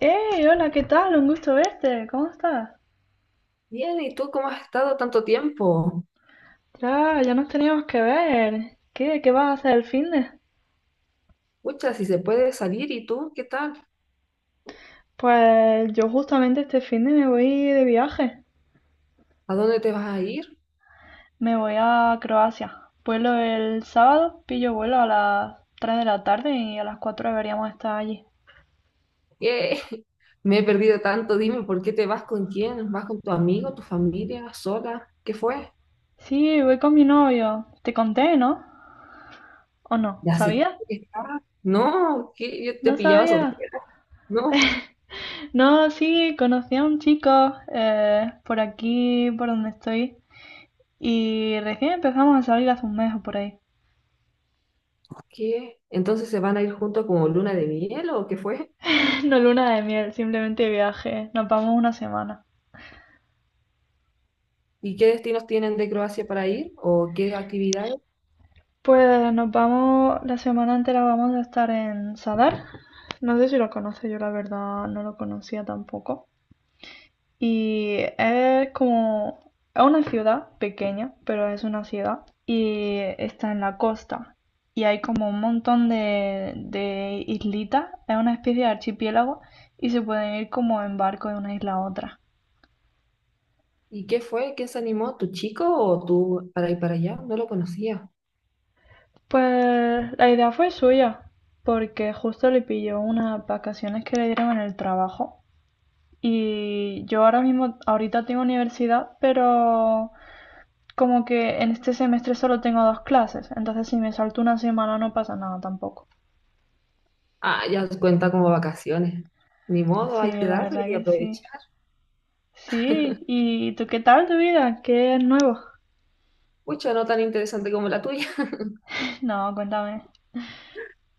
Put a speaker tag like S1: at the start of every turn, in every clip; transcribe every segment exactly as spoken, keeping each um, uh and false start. S1: ¡Hey! Hola, ¿qué tal? Un gusto verte. ¿Cómo estás?
S2: Bien, ¿y tú cómo has estado tanto tiempo?
S1: Ya, ya nos teníamos que ver. ¿Qué, qué vas a hacer el finde?
S2: Pucha, si se puede salir, ¿y tú qué tal?
S1: Pues yo justamente este finde me voy de viaje.
S2: ¿A dónde te vas a ir?
S1: Me voy a Croacia. Vuelo el sábado, pillo vuelo a las tres de la tarde y a las cuatro deberíamos estar allí.
S2: Eh, me he perdido tanto, dime, ¿por qué te vas con quién? ¿Vas con tu amigo, tu familia, sola? ¿Qué fue?
S1: Sí, voy con mi novio. Te conté, ¿no? ¿O no?
S2: ¿Ya hace cuánto
S1: ¿Sabías?
S2: que estabas? No, que yo te
S1: No
S2: pillaba
S1: sabía.
S2: soltera. No,
S1: No, sí, conocí a un chico eh, por aquí, por donde estoy. Y recién empezamos a salir hace un mes o por ahí.
S2: ¿qué? ¿Entonces se van a ir juntos como luna de miel o qué fue?
S1: No luna de miel, simplemente viaje. Nos vamos una semana.
S2: ¿Y qué destinos tienen de Croacia para ir? ¿O qué actividades?
S1: Pues nos vamos, la semana entera vamos a estar en Sadar. No sé si lo conoce, yo la verdad no lo conocía tampoco. Y es como, es una ciudad pequeña, pero es una ciudad. Y está en la costa. Y hay como un montón de, de islitas. Es una especie de archipiélago. Y se pueden ir como en barco de una isla a otra.
S2: ¿Y qué fue? ¿Quién se animó? ¿Tu chico o tú para ir para allá? No lo conocía.
S1: Pues la idea fue suya, porque justo le pilló unas vacaciones que le dieron en el trabajo. Y yo ahora mismo, ahorita tengo universidad, pero como que en este semestre solo tengo dos clases, entonces si me salto una semana no pasa nada tampoco.
S2: Ah, ya cuenta como vacaciones. Ni modo,
S1: Sí,
S2: hay que
S1: la
S2: darle
S1: verdad
S2: y
S1: que sí.
S2: aprovechar.
S1: Sí, ¿y tú qué tal tu vida? ¿Qué es nuevo?
S2: Pucha, no tan interesante como la tuya.
S1: No, cuéntame.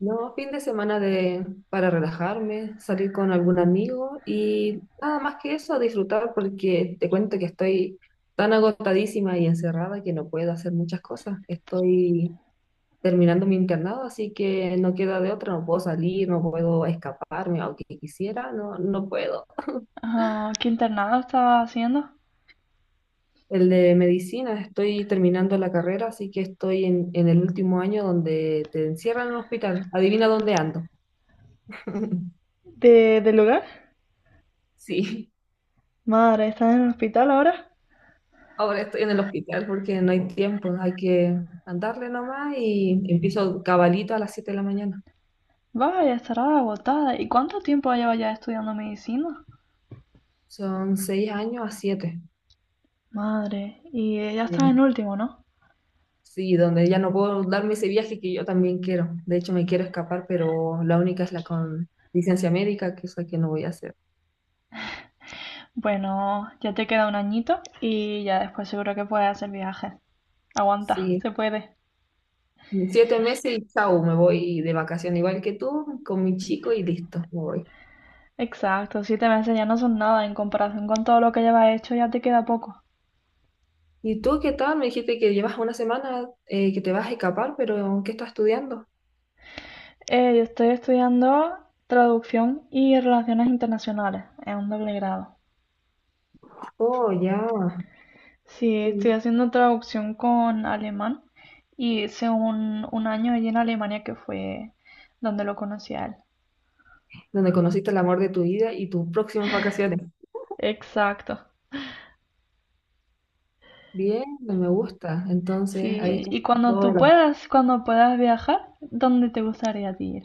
S2: No, fin de semana de, para relajarme, salir con algún amigo y nada más que eso, disfrutar porque te cuento que estoy tan agotadísima y encerrada que no puedo hacer muchas cosas. Estoy terminando mi internado, así que no queda de otra, no puedo salir, no puedo escaparme, aunque quisiera, no, no puedo.
S1: Ah, ¿qué internado estabas haciendo?
S2: El de medicina, estoy terminando la carrera, así que estoy en, en el último año donde te encierran en el hospital. Adivina dónde ando.
S1: ¿De, del lugar?
S2: Sí,
S1: Madre, ¿estás en el hospital ahora?
S2: ahora estoy en el hospital porque no hay tiempo, hay que andarle nomás y empiezo cabalito a las siete de la mañana.
S1: Vaya, estará agotada. ¿Y cuánto tiempo lleva ya estudiando medicina?
S2: Son seis años a siete.
S1: Madre, y ya estás
S2: Eh,
S1: en último, ¿no?
S2: sí, donde ya no puedo darme ese viaje que yo también quiero. De hecho, me quiero escapar, pero la única es la con licencia médica, que es la que no voy a hacer.
S1: Bueno, ya te queda un añito y ya después seguro que puedes hacer viajes. Aguanta,
S2: Sí,
S1: se puede.
S2: siete meses y chau, me voy de vacación, igual que tú, con mi chico y listo, me voy.
S1: Exacto, siete meses ya no son nada en comparación con todo lo que llevas hecho, ya te queda poco.
S2: ¿Y tú qué tal? Me dijiste que llevas una semana eh, que te vas a escapar, pero ¿qué estás estudiando?
S1: Eh, yo estoy estudiando traducción y relaciones internacionales, es un doble grado.
S2: Oh, ya.
S1: Sí, estoy
S2: Sí.
S1: haciendo traducción con alemán y hice un, un año allí en Alemania que fue donde lo conocí a él.
S2: Donde conociste el amor de tu vida y tus próximas vacaciones.
S1: Exacto.
S2: Bien, me gusta. Entonces, ahí
S1: Sí,
S2: estás
S1: y
S2: con
S1: cuando
S2: todo
S1: tú
S2: el amor.
S1: puedas, cuando puedas viajar, ¿dónde te gustaría a ti ir?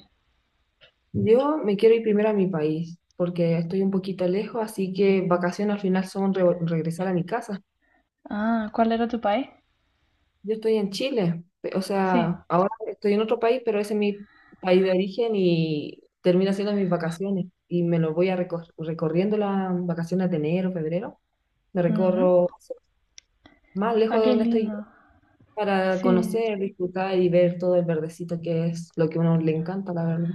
S2: Yo me quiero ir primero a mi país, porque estoy un poquito lejos, así que vacaciones al final son re- regresar a mi casa.
S1: Ah, ¿cuál era tu país?
S2: Yo estoy en Chile, pe- o
S1: Sí.
S2: sea, ahora estoy en otro país, pero ese es mi país de origen y termina siendo mis vacaciones. Y me lo voy a recor- recorriendo las vacaciones de enero, febrero. Me
S1: Ujú.
S2: recorro más
S1: Ah,
S2: lejos de
S1: qué
S2: donde estoy yo
S1: lindo.
S2: para
S1: Sí,
S2: conocer, disfrutar y ver todo el verdecito que es lo que a uno le encanta, la verdad.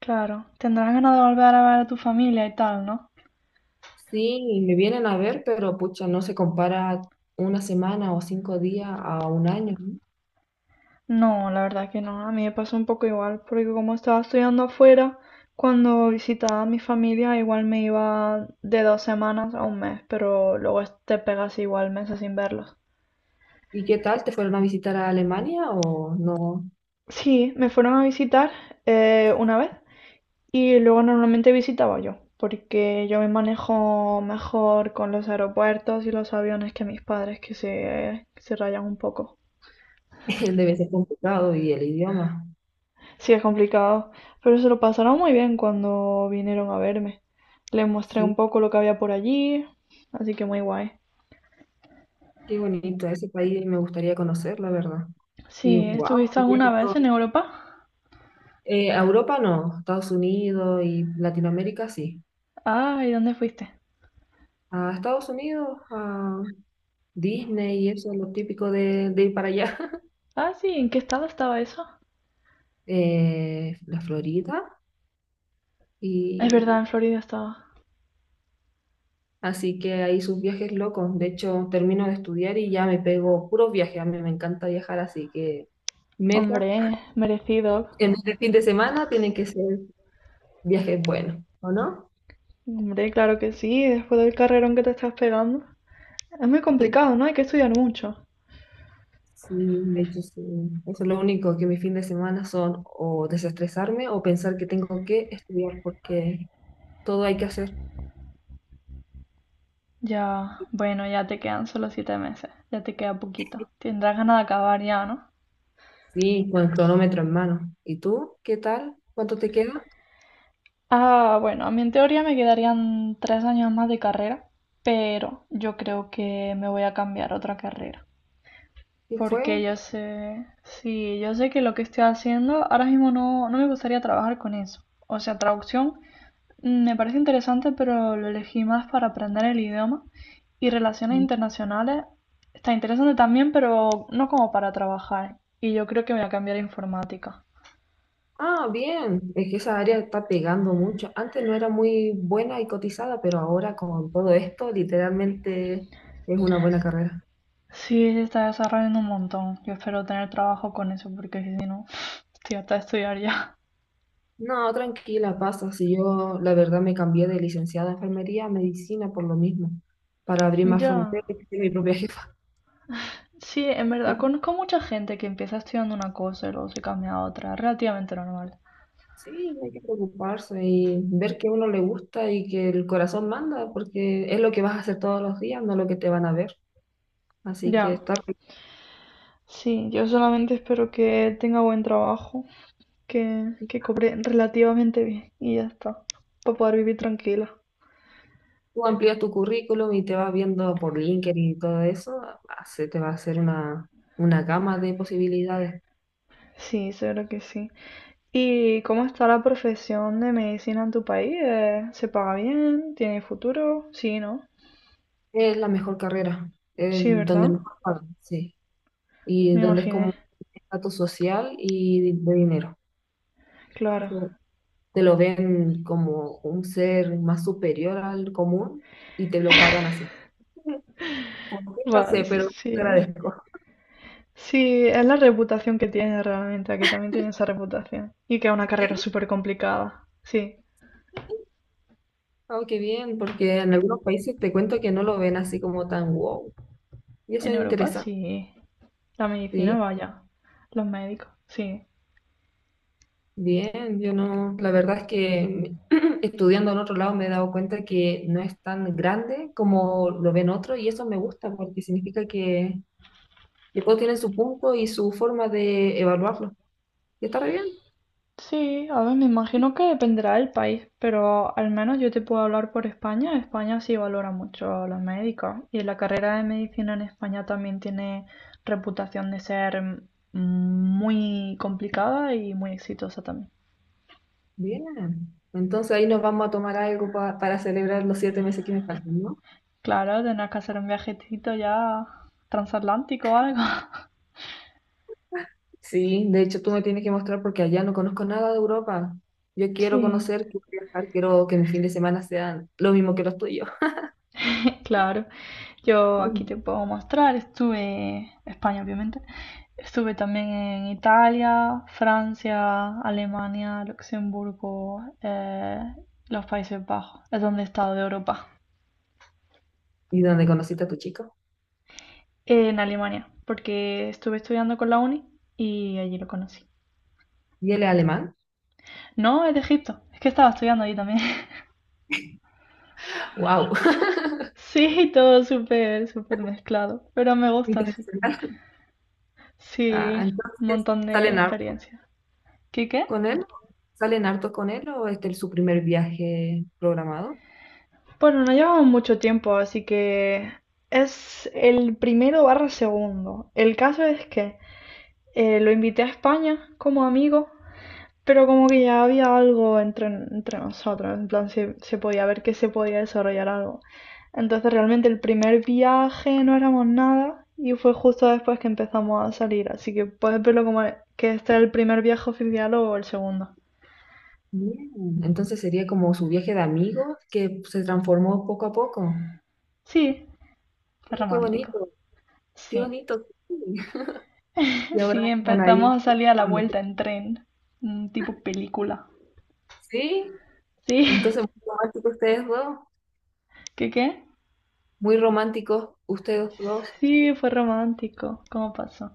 S1: claro. Tendrás ganas de volver a ver a tu familia y tal, ¿no?
S2: Sí, me vienen a ver, pero pucha, no se compara una semana o cinco días a un año, ¿no?
S1: No, la verdad que no, a mí me pasó un poco igual, porque como estaba estudiando afuera, cuando visitaba a mi familia igual me iba de dos semanas a un mes, pero luego es- te pegas igual meses sin verlos.
S2: ¿Y qué tal? ¿Te fueron a visitar a Alemania o no?
S1: Sí, me fueron a visitar eh, una vez y luego normalmente visitaba yo, porque yo me manejo mejor con los aeropuertos y los aviones que mis padres que se, se rayan un poco.
S2: Debe ser complicado y el idioma.
S1: Sí, es complicado, pero se lo pasaron muy bien cuando vinieron a verme. Les mostré
S2: Sí,
S1: un poco lo que había por allí, así que muy guay.
S2: qué bonito ese país, me gustaría conocer, la verdad. Y
S1: Sí,
S2: wow,
S1: ¿estuviste alguna vez en Europa?
S2: a Europa no, Estados Unidos y Latinoamérica sí.
S1: Ah, ¿y dónde fuiste?
S2: A Estados Unidos, a Disney y eso es lo típico de, de ir para allá.
S1: Ah, sí, ¿en qué estado estaba eso?
S2: Eh, la Florida
S1: Es verdad,
S2: y
S1: en Florida estaba.
S2: así que ahí sus viajes locos. De hecho, termino de estudiar y ya me pego puros viajes. A mí me encanta viajar, así que metas
S1: Hombre, merecido.
S2: en este fin de semana tienen que ser. Viaje es bueno, ¿o no?
S1: Hombre, claro que sí, después del carrerón que te estás pegando. Es muy complicado, ¿no? Hay que estudiar mucho.
S2: Sí, de hecho, sí. Eso es lo único que mis fines de semana son o desestresarme o pensar que tengo que estudiar porque todo hay que hacer.
S1: Ya, bueno, ya te quedan solo siete meses, ya te queda poquito. Tendrás ganas de acabar ya, ¿no?
S2: Sí, con el cronómetro en mano. ¿Y tú? ¿Qué tal? ¿Cuánto te queda?
S1: Ah, bueno, a mí en teoría me quedarían tres años más de carrera, pero yo creo que me voy a cambiar a otra carrera.
S2: ¿Qué
S1: Porque
S2: fue?
S1: yo sé, sí, yo sé que lo que estoy haciendo ahora mismo no, no me gustaría trabajar con eso. O sea, traducción mm, me parece interesante, pero lo elegí más para aprender el idioma. Y relaciones internacionales está interesante también, pero no como para trabajar. Y yo creo que me voy a cambiar a informática.
S2: Ah, bien. Es que esa área está pegando mucho. Antes no era muy buena y cotizada, pero ahora con todo esto, literalmente es una buena carrera.
S1: Sí, se está desarrollando un montón. Yo espero tener trabajo con eso porque si no, estoy hasta de estudiar ya.
S2: No, tranquila, pasa. Si yo, la verdad, me cambié de licenciada de enfermería a medicina por lo mismo, para abrir más
S1: Ya.
S2: fronteras y ser mi propia jefa.
S1: Sí, en verdad, conozco mucha gente que empieza estudiando una cosa y luego se cambia a otra. Relativamente normal.
S2: Sí, no hay que preocuparse y ver que a uno le gusta y que el corazón manda, porque es lo que vas a hacer todos los días, no lo que te van a ver. Así que
S1: Ya.
S2: estar,
S1: Sí, yo solamente espero que tenga buen trabajo, que, que cobre relativamente bien y ya está, para poder vivir tranquila.
S2: tú amplías tu currículum y te vas viendo por LinkedIn y todo eso, se te va a hacer una, una gama de posibilidades.
S1: Sí, seguro que sí. ¿Y cómo está la profesión de medicina en tu país? Eh, ¿Se paga bien? ¿Tiene futuro? Sí, ¿no?
S2: Es la mejor carrera, es
S1: Sí,
S2: donde
S1: ¿verdad?
S2: mejor pagan, sí. Y
S1: Me
S2: donde es como
S1: imaginé,
S2: un estatus social y de dinero. Es
S1: claro.
S2: como. Te lo ven como un ser más superior al común y te lo pagan así. ¿Por qué? No
S1: Va,
S2: sé,
S1: s-
S2: pero
S1: sí.
S2: te agradezco.
S1: Sí, es la reputación que tiene realmente. Aquí también tiene esa reputación. Y que es una carrera
S2: Sí,
S1: súper complicada. Sí,
S2: oh, qué bien, porque en algunos países te cuento que no lo ven así como tan wow. Y eso
S1: en
S2: es
S1: Europa
S2: interesante,
S1: sí. La medicina,
S2: sí.
S1: vaya. Los médicos, sí.
S2: Bien, yo no, la verdad es que me- estudiando en otro lado me he dado cuenta que no es tan grande como lo ven otros y eso me gusta porque significa que. Y todos tienen su punto y su forma de evaluarlo. Y está re bien.
S1: Sí, a ver, me imagino que dependerá del país, pero al menos yo te puedo hablar por España. España sí valora mucho a los médicos y la carrera de medicina en España también tiene reputación de ser mm, muy complicada y muy exitosa también.
S2: Bien. Entonces ahí nos vamos a tomar algo pa- para celebrar los siete meses que me faltan, ¿no?
S1: Claro, tendrás que hacer un viajecito ya transatlántico o algo.
S2: Sí, de hecho tú me tienes que mostrar porque allá no conozco nada de Europa. Yo quiero
S1: Sí.
S2: conocer, quiero viajar, quiero que mis fin de semana sean lo mismo que los tuyos.
S1: Claro, yo aquí te puedo mostrar, estuve, España obviamente, estuve también en Italia, Francia, Alemania, Luxemburgo, eh, los Países Bajos, es donde he estado de Europa,
S2: ¿Y dónde conociste a tu chico?
S1: en Alemania, porque estuve estudiando con la uni y allí lo conocí.
S2: ¿Y él es alemán?
S1: No, es de Egipto, es que estaba estudiando allí también.
S2: ¡Wow!
S1: Sí, todo súper, súper mezclado, pero me gusta así.
S2: Internacional. Ah,
S1: Sí, un
S2: entonces,
S1: montón de
S2: ¿salen hartos
S1: experiencias. ¿Qué qué?
S2: con él? ¿Salen hartos con él o este es su primer viaje programado?
S1: Bueno, no llevamos mucho tiempo, así que es el primero barra segundo. El caso es que eh, lo invité a España como amigo, pero como que ya había algo entre, entre nosotros, en plan se, se podía ver que se podía desarrollar algo. Entonces realmente el primer viaje no éramos nada y fue justo después que empezamos a salir, así que puedes verlo como que este es el primer viaje oficial o el segundo.
S2: Bien. Entonces sería como su viaje de amigos que se transformó poco a poco.
S1: Sí, es
S2: Sí, qué
S1: romántico,
S2: bonito, qué
S1: sí.
S2: bonito, sí. Y ahora
S1: Sí,
S2: van ahí.
S1: empezamos a salir a la vuelta en tren, un tipo película.
S2: Sí,
S1: Sí,
S2: entonces muy románticos ustedes dos,
S1: ¿qué qué?
S2: muy románticos ustedes dos.
S1: Sí, fue romántico, ¿cómo pasó?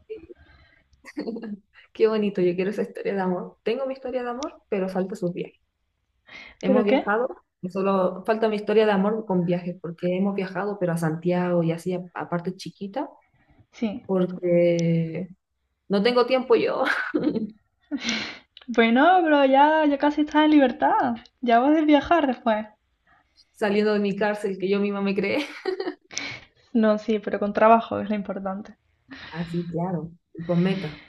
S2: Qué bonito, yo quiero esa historia de amor. Tengo mi historia de amor, pero falta sus viajes. Hemos
S1: ¿Pero qué?
S2: viajado, no solo falta mi historia de amor con viajes, porque hemos viajado, pero a Santiago y así, a, a partes chiquitas,
S1: Sí.
S2: porque no tengo tiempo yo.
S1: Pues no, pero ya, ya casi estás en libertad, ya vas a viajar después.
S2: Saliendo de mi cárcel que yo misma me creé.
S1: No, sí, pero con trabajo es lo importante.
S2: Así, claro, y con meta.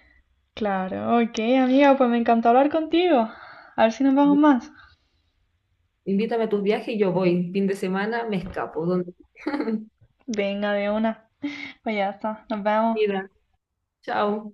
S1: Claro, ok, amiga, pues me encantó hablar contigo. A ver si nos vemos
S2: Ya.
S1: más.
S2: Invítame a tus viajes y yo voy. Fin de semana me escapo. Donde...
S1: Venga, de una. Pues ya está, nos vemos.
S2: Mira, chao.